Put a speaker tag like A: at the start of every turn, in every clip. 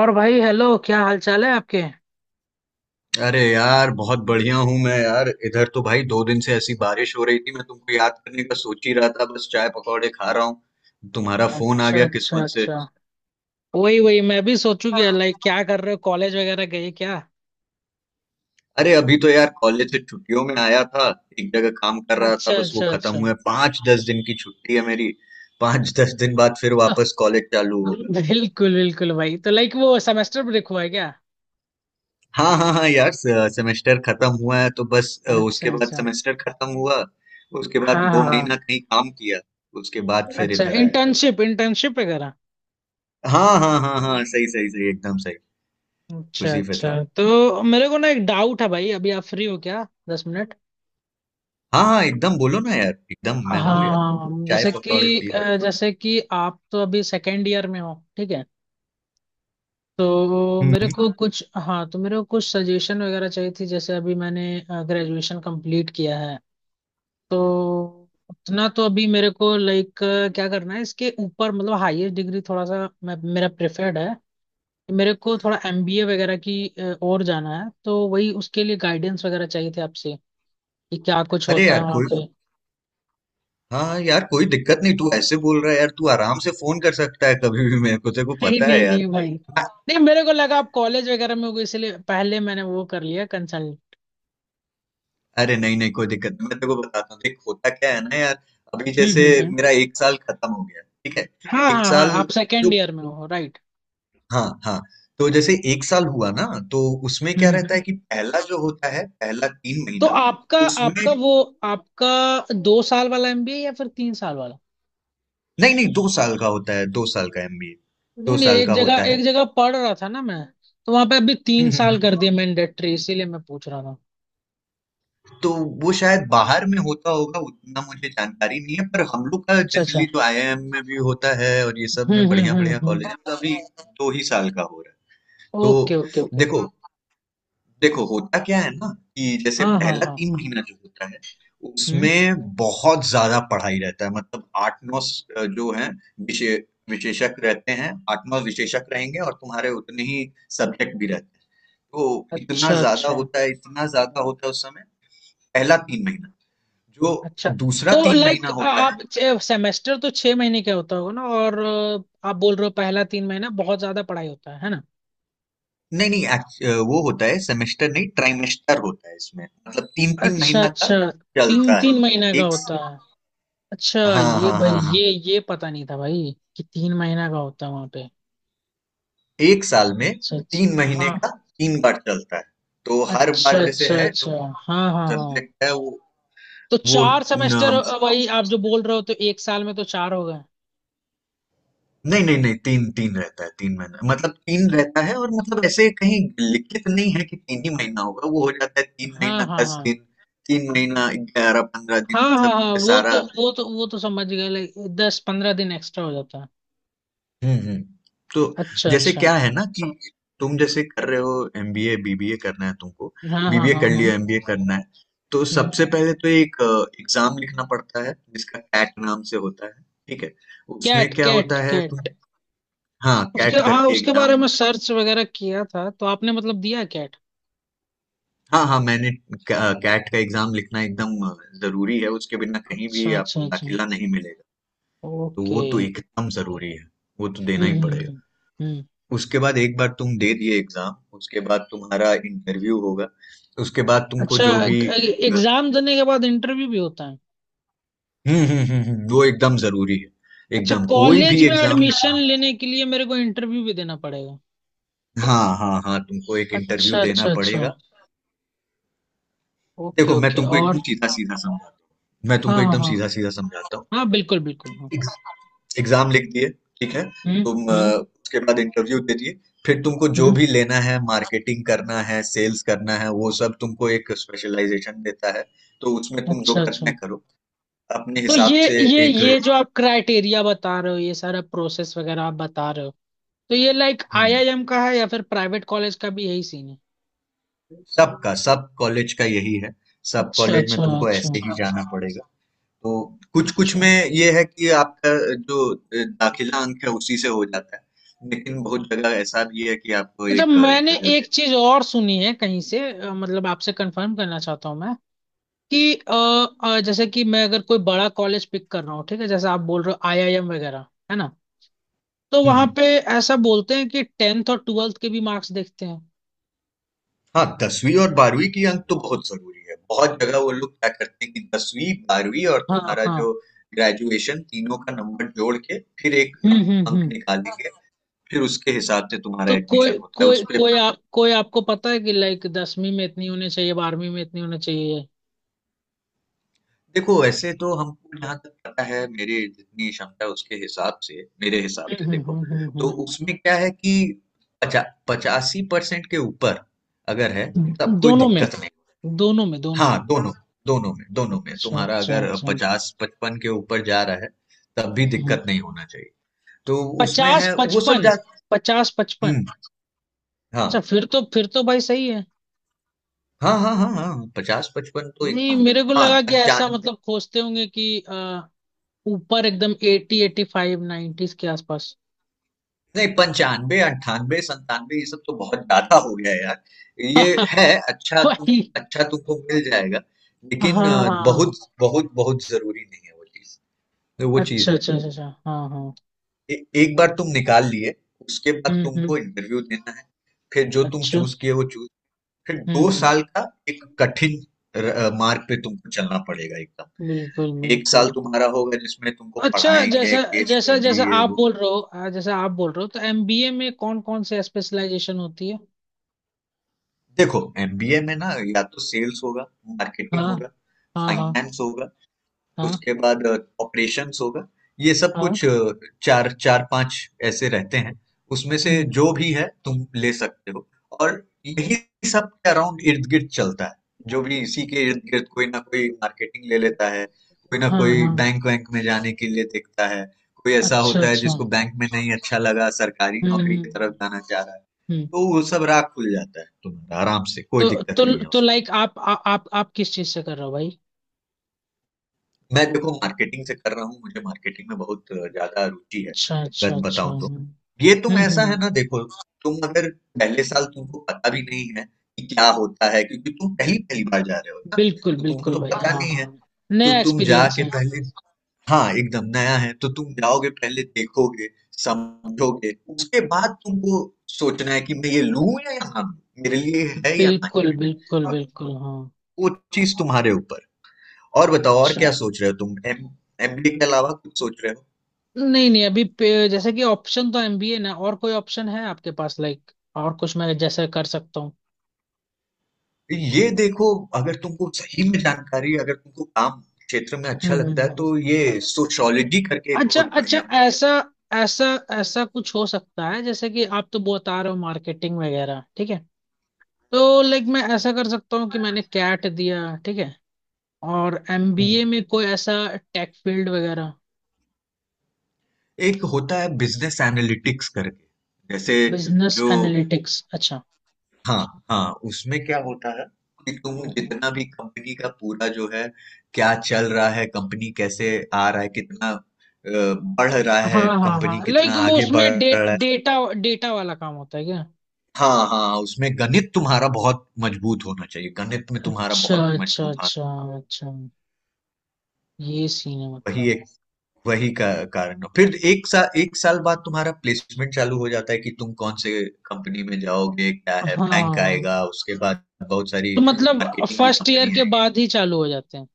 A: और भाई, हेलो, क्या हाल चाल है आपके?
B: अरे यार बहुत बढ़िया हूँ मैं यार, इधर तो भाई दो दिन से ऐसी बारिश हो रही थी। मैं तुमको याद करने का सोच ही रहा था, बस चाय पकौड़े खा रहा हूँ तुम्हारा फोन आ
A: अच्छा,
B: गया
A: अच्छा,
B: किस्मत से।
A: अच्छा। वही वही, मैं भी सोचू कि लाइक क्या कर रहे हो, कॉलेज वगैरह गए क्या?
B: अरे अभी तो यार कॉलेज से छुट्टियों में आया था। एक जगह काम कर रहा था,
A: अच्छा,
B: बस वो
A: अच्छा,
B: खत्म
A: अच्छा।
B: हुआ है, 5 10 दिन की छुट्टी है मेरी। पाँच दस दिन बाद फिर वापस कॉलेज चालू होगा।
A: बिल्कुल बिल्कुल भाई, तो लाइक वो सेमेस्टर ब्रेक हुआ है क्या?
B: हाँ हाँ हाँ यार, सेमेस्टर खत्म हुआ है तो बस
A: अच्छा,
B: उसके बाद
A: अच्छा।
B: सेमेस्टर खत्म हुआ। उसके बाद
A: हाँ,
B: दो महीना
A: हाँ।
B: कहीं काम किया। उसके बाद फिर
A: अच्छा,
B: इधर आया।
A: इंटर्नशिप इंटर्नशिप वगैरह।
B: हाँ हाँ हाँ हाँ, सही सही सही एकदम सही।
A: अच्छा,
B: उसी पे
A: अच्छा,
B: था।
A: तो मेरे को ना एक डाउट है भाई, अभी आप फ्री हो क्या, 10 मिनट?
B: हाँ हाँ एकदम, बोलो ना यार, एकदम
A: हाँ,
B: मैं हूँ यार।
A: हाँ,
B: चाय
A: जैसे
B: पकौड़े
A: कि
B: पी रहा
A: अ,
B: था।
A: जैसे कि आप तो अभी सेकेंड ईयर में हो, ठीक है? तो
B: हम्म
A: मेरे
B: हम्म।
A: को कुछ, हाँ, तो मेरे को कुछ सजेशन वगैरह चाहिए थी, जैसे अभी मैंने ग्रेजुएशन कंप्लीट किया है। तो, उतना तो अभी मेरे को लाइक क्या करना है इसके ऊपर, मतलब हाईएस्ट डिग्री थोड़ा सा मैं, मेरा प्रेफर्ड है। मेरे को थोड़ा एमबीए वगैरह की ओर जाना है, तो वही उसके लिए गाइडेंस वगैरह चाहिए थे आपसे, कि क्या कुछ
B: अरे
A: होता है
B: यार
A: वहाँ
B: कोई,
A: पे।
B: हाँ यार कोई दिक्कत नहीं। तू ऐसे बोल रहा है यार, तू आराम से फोन कर सकता है कभी भी मेरे को, तेरे को
A: नहीं
B: पता
A: नहीं
B: है यार।
A: नहीं भाई।
B: हाँ,
A: नहीं, मेरे को लगा आप कॉलेज वगैरह में हो, इसलिए पहले मैंने वो कर लिया, कंसल्ट।
B: अरे नहीं नहीं कोई दिक्कत नहीं। मैं तेरे को बताता हूँ, देख होता क्या है ना यार। अभी
A: हम्म,
B: जैसे
A: हम्म,
B: मेरा 1 साल खत्म हो गया, ठीक है।
A: हाँ,
B: एक
A: हाँ, हाँ,
B: साल
A: आप
B: जो,
A: सेकेंड ईयर में हो, राइट?
B: हाँ हाँ, तो जैसे एक साल हुआ ना, तो उसमें क्या
A: हम्म,
B: रहता है कि पहला जो होता है पहला तीन
A: तो
B: महीना
A: आपका,
B: उसमें,
A: आपका वो आपका 2 साल वाला एमबीए या फिर 3 साल वाला?
B: नहीं नहीं 2 साल का होता है, 2 साल का एमबीए,
A: नहीं
B: दो
A: नहीं,
B: साल
A: एक
B: का होता
A: जगह एक
B: है।
A: जगह पढ़ रहा था ना मैं। तो वहां पे अभी
B: हम्म,
A: तीन
B: हम्म,
A: साल कर
B: हम्म।
A: दिया मैंडेटरी, इसीलिए मैं पूछ रहा था।
B: तो वो शायद बाहर में होता होगा, उतना मुझे जानकारी नहीं है, पर हम लोग का
A: अच्छा, अच्छा,
B: जनरली जो आईआईएम में भी होता है और ये सब में
A: हम्म, हम्म,
B: बढ़िया
A: हम्म,
B: बढ़िया कॉलेज
A: हम्म।
B: में, तो अभी 2 ही साल का हो रहा है। तो
A: ओके, ओके, ओके।
B: देखो, देखो होता क्या है ना, कि जैसे
A: हाँ, हाँ,
B: पहला
A: हाँ,
B: तीन महीना जो होता है,
A: हम्म।
B: उसमें बहुत ज्यादा पढ़ाई रहता है। मतलब 8 9 जो है विशे, विशेषक रहते हैं, 8 9 विशेषक रहेंगे, और तुम्हारे उतने ही सब्जेक्ट भी रहते हैं। तो इतना
A: अच्छा,
B: ज्यादा
A: अच्छा,
B: होता है, इतना ज्यादा होता है उस समय, पहला तीन महीना। जो
A: अच्छा,
B: दूसरा
A: तो
B: तीन महीना
A: लाइक
B: होता है,
A: आप, सेमेस्टर तो 6 महीने का होता होगा ना, और आप बोल रहे हो पहला 3 महीना बहुत ज्यादा पढ़ाई होता है ना?
B: नहीं नहीं वो होता है सेमेस्टर नहीं, ट्राइमेस्टर होता है इसमें, मतलब तीन तीन
A: अच्छा,
B: महीना का
A: अच्छा। तीन
B: चलता
A: तीन महीने
B: है
A: का
B: एक,
A: होता है। अच्छा
B: हाँ
A: ये
B: हाँ
A: भाई,
B: हाँ हाँ,
A: ये पता नहीं था भाई कि 3 महीना का होता है वहां पे।
B: एक साल में
A: अच्छा, अच्छा,
B: तीन महीने
A: हाँ।
B: का तीन बार चलता है। तो हर
A: अच्छा,
B: बार जैसे
A: अच्छा,
B: है
A: अच्छा,
B: जो
A: हाँ, हाँ, हाँ।
B: सब्जेक्ट है वो
A: तो
B: वो
A: 4 सेमेस्टर, वही आप जो बोल रहे हो, तो 1 साल में तो चार हो गए।
B: नहीं नहीं नहीं, तीन तीन रहता है, तीन महीना मतलब तीन रहता है। और मतलब ऐसे कहीं लिखित नहीं है कि तीन ही महीना होगा, वो हो जाता है तीन
A: हाँ,
B: महीना
A: हाँ,
B: दस
A: हाँ,
B: दिन तीन महीना ग्यारह पंद्रह
A: हाँ,
B: दिन
A: हाँ,
B: मतलब
A: हाँ,
B: ये
A: वो
B: सारा।
A: तो वो तो वो तो समझ गए, लाइक 10-15 दिन एक्स्ट्रा हो जाता है।
B: हम्म, तो
A: अच्छा,
B: जैसे
A: अच्छा,
B: क्या है ना कि तुम जैसे कर रहे हो एमबीए, बीबीए करना है तुमको,
A: हाँ, हाँ,
B: बीबीए
A: हाँ,
B: कर
A: हाँ,
B: लिया, एमबीए करना है। तो
A: हम्म।
B: सबसे पहले तो एक एग्जाम लिखना पड़ता है जिसका कैट नाम से होता है, ठीक है। उसमें
A: कैट,
B: क्या
A: कैट,
B: होता है, तुम,
A: कैट,
B: हाँ
A: उसके,
B: कैट
A: हाँ,
B: करके
A: उसके
B: एग्जाम,
A: बारे में सर्च वगैरह किया था, तो आपने मतलब दिया कैट?
B: हाँ हाँ मैंने, कैट का एग्जाम लिखना एकदम जरूरी है, उसके बिना कहीं भी
A: अच्छा, अच्छा,
B: आपको
A: अच्छा,
B: दाखिला नहीं मिलेगा। तो
A: ओके।
B: वो तो एकदम जरूरी है, वो तो देना
A: हम्म,
B: ही
A: हम्म,
B: पड़ेगा।
A: हम्म।
B: उसके बाद एक बार तुम दे दिए एग्जाम, उसके बाद तुम्हारा इंटरव्यू होगा। उसके बाद तुमको
A: अच्छा,
B: जो भी, अ,
A: एग्जाम देने के बाद इंटरव्यू भी होता है?
B: वो एकदम जरूरी है
A: अच्छा,
B: एकदम, कोई भी
A: कॉलेज में
B: एग्जाम
A: एडमिशन
B: लिखना,
A: लेने के लिए मेरे को इंटरव्यू भी देना पड़ेगा?
B: हाँ हाँ हाँ तुमको एक
A: अच्छा,
B: इंटरव्यू देना
A: अच्छा, अच्छा,
B: पड़ेगा।
A: ओके,
B: देखो मैं
A: ओके,
B: तुमको एकदम
A: और।
B: सीधा सीधा समझाता हूँ, मैं
A: हाँ,
B: तुमको
A: हाँ,
B: एकदम
A: हाँ,
B: सीधा सीधा समझाता
A: हाँ, बिल्कुल बिल्कुल, हाँ।
B: हूँ एग्जाम लिख दिए, ठीक है।
A: हम्म,
B: तुम
A: हम्म,
B: उसके बाद इंटरव्यू दे दिए, फिर तुमको जो
A: हम्म,
B: भी लेना है, मार्केटिंग करना है, सेल्स करना है, वो सब तुमको एक स्पेशलाइजेशन देता है। तो उसमें तुम जो
A: अच्छा, अच्छा,
B: करना है करो अपने
A: तो
B: हिसाब
A: ये
B: से।
A: ये
B: एक,
A: ये जो आप क्राइटेरिया बता रहे हो, ये सारा प्रोसेस वगैरह आप बता रहे हो, तो ये लाइक
B: हम्म,
A: आईआईएम का है या फिर प्राइवेट कॉलेज का भी यही सीन है?
B: सबका सब कॉलेज का यही है, सब
A: अच्छा,
B: कॉलेज में
A: अच्छा,
B: तुमको
A: अच्छा,
B: ऐसे ही जाना पड़ेगा। तो कुछ कुछ
A: अच्छा।
B: में ये है कि आपका जो दाखिला अंक है उसी से हो जाता है, लेकिन बहुत जगह ऐसा भी है कि आपको
A: अच्छा,
B: एक
A: मैंने
B: इंटरव्यू
A: एक
B: देना।
A: चीज और सुनी है कहीं से, मतलब आपसे कंफर्म करना चाहता हूँ मैं, कि जैसे कि मैं अगर कोई बड़ा कॉलेज पिक कर रहा हूँ, ठीक है, जैसे आप बोल रहे हो आईआईएम वगैरह, है ना? तो वहां
B: हम्म,
A: पे ऐसा बोलते हैं कि टेंथ और ट्वेल्थ के भी मार्क्स देखते हैं।
B: हाँ 10वीं और 12वीं की अंक तो बहुत जरूरी है। बहुत जगह वो लोग क्या करते हैं कि 10वीं 12वीं और
A: हाँ,
B: तुम्हारा
A: हाँ,
B: जो ग्रेजुएशन, तीनों का नंबर जोड़ के फिर एक
A: हम्म, हम्म,
B: अंक
A: हम्म,
B: निकालेंगे। फिर उसके हिसाब से तुम्हारा
A: तो
B: एडमिशन
A: कोई
B: होता है उस
A: कोई
B: पे।
A: कोई आप, कोई आपको पता है कि लाइक 10वीं में इतनी होनी चाहिए, 12वीं में इतनी होनी चाहिए?
B: देखो ऐसे तो हमको जहाँ तक पता है, मेरे जितनी क्षमता है उसके हिसाब से, मेरे हिसाब
A: हम्म,
B: से
A: हम्म,
B: देखो,
A: हम्म,
B: तो
A: हम्म,
B: उसमें क्या है कि पचा 85% के ऊपर अगर है तब कोई
A: दोनों में,
B: दिक्कत,
A: दोनों में, दोनों में।
B: हाँ दोनों, दोनों में
A: अच्छा,
B: तुम्हारा
A: अच्छा,
B: अगर
A: अच्छा, हम्म,
B: 50 55 के ऊपर जा रहा है, तब भी
A: हम्म।
B: दिक्कत नहीं होना चाहिए। तो उसमें
A: पचास
B: है वो सब
A: पचपन
B: जा,
A: 50-55।
B: हम्म हाँ
A: अच्छा, फिर तो भाई सही है।
B: हाँ हाँ हाँ हाँ 50 55 तो
A: नहीं,
B: एकदम,
A: मेरे को
B: हाँ
A: लगा कि ऐसा
B: पंचान
A: मतलब खोजते होंगे कि ऊपर एकदम 80, 85 90s के आसपास।
B: नहीं 95 98 97, ये सब तो बहुत ज्यादा हो गया यार। ये है, अच्छा तुम,
A: भाई,
B: अच्छा तुमको मिल जाएगा
A: हाँ,
B: लेकिन
A: हाँ।
B: बहुत, बहुत बहुत जरूरी नहीं है वो चीज, वो चीज
A: अच्छा,
B: है।
A: अच्छा, अच्छा, अच्छा, हाँ, हाँ।
B: एक बार तुम निकाल लिए, उसके बाद
A: हम्म,
B: तुमको
A: हम्म,
B: इंटरव्यू देना है, फिर जो तुम
A: अच्छा,
B: चूज किए वो चूज, फिर
A: हम्म,
B: दो
A: हम्म,
B: साल का एक कठिन मार्ग पे तुमको चलना पड़ेगा
A: बिल्कुल
B: एकदम। एक साल
A: बिल्कुल।
B: तुम्हारा होगा जिसमें तुमको
A: अच्छा,
B: पढ़ाएंगे
A: जैसा
B: केस
A: जैसा
B: स्टडी
A: जैसा
B: ये
A: आप
B: वो।
A: बोल रहे हो, जैसा आप बोल रहे हो, तो एमबीए में कौन कौन से स्पेशलाइजेशन होती है?
B: देखो एमबीए में ना, या तो सेल्स होगा, मार्केटिंग
A: हाँ,
B: होगा,
A: हाँ, हाँ,
B: फाइनेंस होगा,
A: हाँ,
B: उसके बाद ऑपरेशंस होगा, ये सब
A: हाँ,
B: कुछ चार चार पांच ऐसे रहते हैं। उसमें से
A: हम्म,
B: जो भी है तुम ले सकते हो, और यही सब के अराउंड इर्द गिर्द चलता है। जो भी इसी के इर्द गिर्द, कोई ना कोई मार्केटिंग ले लेता है, कोई ना
A: हाँ,
B: कोई
A: हाँ,
B: बैंक वैंक में जाने के लिए देखता है, कोई ऐसा
A: अच्छा,
B: होता है
A: अच्छा,
B: जिसको बैंक में नहीं अच्छा लगा, सरकारी
A: हम्म,
B: नौकरी
A: हम्म,
B: की तरफ जाना चाह रहा है।
A: हम्म।
B: तो वो सब राह खुल जाता है तुम्हारा आराम से, कोई
A: तो
B: दिक्कत
A: तो
B: नहीं है
A: तो
B: उसमें।
A: लाइक आप आ, आप किस चीज से कर रहे हो भाई?
B: मैं देखो मार्केटिंग से कर रहा हूँ, मुझे मार्केटिंग में बहुत ज्यादा रुचि है
A: अच्छा, अच्छा,
B: अगर
A: अच्छा,
B: बताऊं तो।
A: हम्म,
B: ये तुम,
A: हम्म,
B: ऐसा है ना देखो, तुम अगर पहले साल तुमको पता भी नहीं है कि क्या होता है, क्योंकि तुम पहली पहली बार जा रहे हो ना,
A: बिल्कुल
B: तो तुमको
A: बिल्कुल
B: तो
A: भाई,
B: पता
A: हाँ,
B: नहीं
A: हाँ।
B: है। तो
A: नया
B: तुम
A: एक्सपीरियंस
B: जाके
A: है।
B: पहले, हाँ एकदम नया है, तो तुम जाओगे पहले देखोगे समझोगे, उसके बाद तुमको सोचना है कि मैं ये लूं या ना लूं, मेरे लिए है या नहीं
A: बिल्कुल,
B: है।
A: बिल्कुल,
B: अब
A: बिल्कुल, हाँ।
B: वो चीज तुम्हारे ऊपर। और बताओ और
A: अच्छा,
B: क्या सोच रहे हो, तुम एम, एमडी के अलावा कुछ सोच रहे हो।
A: नहीं नहीं, अभी जैसे कि ऑप्शन तो एमबीए ना, और कोई ऑप्शन है आपके पास लाइक, और कुछ मैं जैसे कर सकता हूँ?
B: तो ये देखो, अगर तुमको सही में जानकारी, अगर तुमको काम क्षेत्र में
A: हम्म,
B: अच्छा लगता है, तो ये सोशियोलॉजी करके एक
A: अच्छा,
B: बहुत
A: अच्छा,
B: बढ़िया फील्ड
A: ऐसा ऐसा ऐसा कुछ हो सकता है, जैसे कि आप तो बता रहे हो मार्केटिंग वगैरह ठीक है, तो लाइक मैं ऐसा कर सकता हूँ कि मैंने कैट दिया ठीक है, और
B: है।
A: एमबीए में कोई ऐसा टेक फील्ड वगैरह?
B: एक होता है बिजनेस एनालिटिक्स करके, जैसे
A: बिजनेस
B: जो,
A: एनालिटिक्स, अच्छा।
B: हाँ हाँ उसमें क्या होता है कि तुम
A: हम्म।
B: जितना भी कंपनी का पूरा जो है, क्या चल रहा है, कंपनी कैसे आ रहा है, कितना बढ़ रहा
A: हाँ,
B: है,
A: हाँ,
B: कंपनी
A: हाँ,
B: कितना
A: लाइक वो
B: आगे बढ़
A: उसमें
B: रहा है।
A: डेटा, डेटा वाला काम होता है क्या?
B: हाँ, हाँ, उसमें गणित तुम्हारा बहुत मजबूत होना चाहिए। गणित में तुम्हारा
A: अच्छा,
B: बहुत
A: अच्छा,
B: मजबूत, हाँ,
A: अच्छा, अच्छा, ये सीन है
B: वही
A: मतलब।
B: एक, वही का कारण है। फिर 1 साल बाद तुम्हारा प्लेसमेंट चालू हो जाता है कि तुम कौन से कंपनी में जाओगे, क्या है
A: हाँ, हाँ,
B: बैंक
A: हाँ,
B: आएगा, उसके बाद बहुत सारी
A: तो मतलब
B: मार्केटिंग की
A: फर्स्ट ईयर
B: कंपनी
A: के
B: आएगी।
A: बाद ही चालू हो जाते हैं?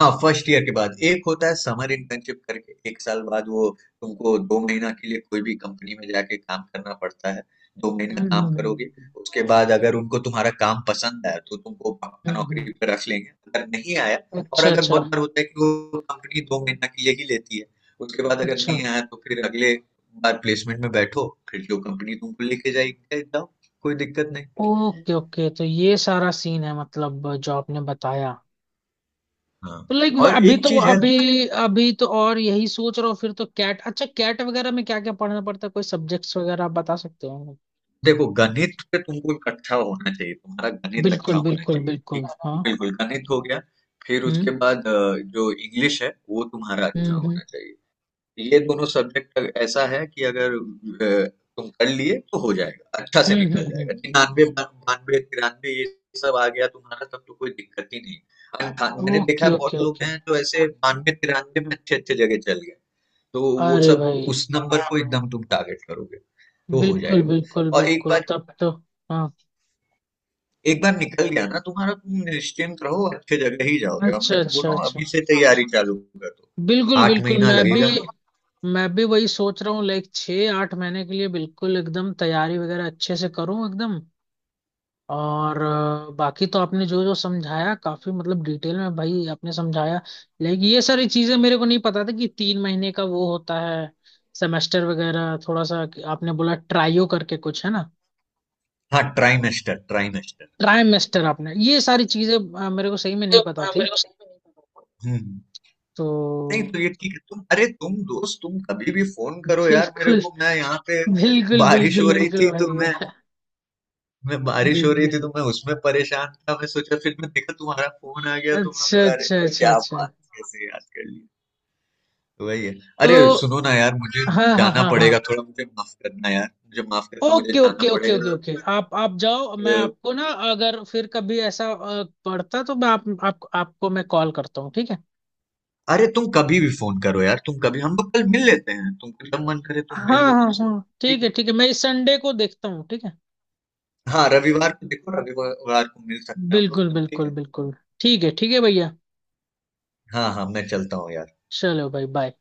B: हाँ फर्स्ट ईयर के बाद एक होता है समर इंटर्नशिप करके, 1 साल बाद वो तुमको 2 महीना के लिए कोई भी कंपनी में जाके काम करना पड़ता है। दो महीना काम
A: हम्म,
B: करोगे, उसके बाद अगर उनको तुम्हारा काम पसंद आया तो तुमको पक्का
A: हम्म,
B: नौकरी
A: हम्म,
B: पर रख लेंगे, अगर नहीं आया, और
A: अच्छा,
B: अगर,
A: अच्छा,
B: बहुत बार होता है कि वो कंपनी 2 महीना के लिए ही लेती है, उसके बाद अगर
A: अच्छा,
B: नहीं आया तो फिर अगले बार प्लेसमेंट में बैठो, फिर जो कंपनी तुमको लेके जाएगी जाओ, कोई दिक्कत नहीं।
A: ओके, ओके, तो ये सारा सीन है मतलब जो आपने बताया,
B: हाँ
A: तो लाइक
B: और
A: अभी
B: एक
A: तो,
B: चीज है,
A: अभी अभी तो, और यही सोच रहा हूँ, फिर तो कैट, अच्छा कैट वगैरह में क्या क्या पढ़ना पड़ता है, कोई सब्जेक्ट्स वगैरह आप बता सकते हो?
B: देखो गणित पे तुमको एक अच्छा होना चाहिए, तुम्हारा गणित अच्छा
A: बिल्कुल,
B: होना
A: बिल्कुल,
B: चाहिए, ठीक,
A: बिल्कुल, हाँ,
B: बिल्कुल गणित हो गया। फिर उसके
A: हम्म,
B: बाद जो इंग्लिश है वो तुम्हारा अच्छा
A: हम्म, हम्म,
B: होना चाहिए। ये दोनों सब्जेक्ट ऐसा है कि अगर तुम कर लिए तो हो जाएगा, अच्छा से
A: हम्म,
B: निकल
A: हम्म,
B: जाएगा, 99 92 93 ये सब आ गया तुम्हारा तब तो कोई दिक्कत ही नहीं। अंठा, मैंने देखा
A: ओके,
B: है बहुत
A: ओके,
B: लोग
A: ओके,
B: हैं जो ऐसे 92 93 में अच्छे अच्छे जगह चल गए। तो वो
A: अरे
B: सब,
A: भाई,
B: उस नंबर को एकदम तुम टारगेट करोगे तो हो
A: बिल्कुल,
B: जाएगा।
A: बिल्कुल,
B: और एक
A: बिल्कुल,
B: बात,
A: तब तो, हाँ,
B: एक बार निकल गया ना तुम्हारा, तुम निश्चिंत रहो, अच्छे जगह ही जाओगे। और
A: अच्छा,
B: मैं तो बोल
A: अच्छा,
B: रहा हूँ
A: अच्छा,
B: अभी से हाँ तैयारी चालू कर दो,
A: बिल्कुल
B: आठ
A: बिल्कुल,
B: महीना
A: मैं भी,
B: लगेगा।
A: मैं भी वही सोच रहा हूँ, लाइक 6-8 महीने के लिए बिल्कुल एकदम तैयारी वगैरह अच्छे से करूँ एकदम, और बाकी तो आपने जो जो समझाया काफी, मतलब डिटेल में, भाई आपने समझाया, लेकिन ये सारी चीजें मेरे को नहीं पता था कि 3 महीने का वो होता है सेमेस्टर वगैरह, थोड़ा सा, कि आपने बोला ट्राइयो करके कुछ है ना,
B: हाँ ट्राइमेस्टर ट्राइमेस्टर।
A: ट्राइमेस्टर, आपने ये सारी चीजें मेरे को सही में नहीं पता थी।
B: हम्म हम्म। नहीं
A: तो,
B: तो ये ठीक है तुम, अरे तुम दोस्त, तुम कभी भी फोन करो यार मेरे
A: बिल्कुल,
B: को, मैं यहाँ पे
A: बिल्कुल,
B: बारिश हो
A: बिल्कुल,
B: रही
A: बिल्कुल
B: थी तो
A: भाई,
B: मैं बारिश हो रही थी
A: बिल्कुल,
B: तो मैं उसमें परेशान था, मैं सोचा, फिर मैं देखा तुम्हारा फोन आ गया, तो मैं
A: अच्छा,
B: बोला अरे
A: अच्छा, अच्छा,
B: क्या
A: अच्छा,
B: बात, कैसे याद कर, तो वही है।
A: तो,
B: अरे सुनो ना यार, मुझे
A: हाँ, हाँ,
B: जाना
A: हाँ, हाँ,
B: पड़ेगा थोड़ा, मुझे माफ करना यार, मुझे माफ करना, मुझे
A: ओके,
B: जाना
A: ओके, ओके, ओके,
B: पड़ेगा।
A: ओके, आप जाओ, मैं
B: अ,
A: आपको ना, अगर फिर कभी ऐसा पड़ता, तो मैं आप आपको मैं कॉल करता हूँ, ठीक है?
B: अरे तुम कभी भी फोन करो यार, तुम कभी, हम लोग कल मिल लेते हैं, तुमको जब मन करे तुम
A: हाँ,
B: मिल लो
A: हाँ,
B: मुझसे,
A: हाँ, ठीक
B: ठीक
A: है,
B: है।
A: ठीक है, मैं इस संडे को देखता हूँ, ठीक है?
B: हाँ रविवार को देखो, रविवार को मिल सकते हैं हम लोग।
A: बिल्कुल,
B: ठीक
A: बिल्कुल,
B: है।
A: बिल्कुल, ठीक है, ठीक है भैया,
B: हाँ हाँ मैं चलता हूँ यार।
A: चलो भाई, बाय।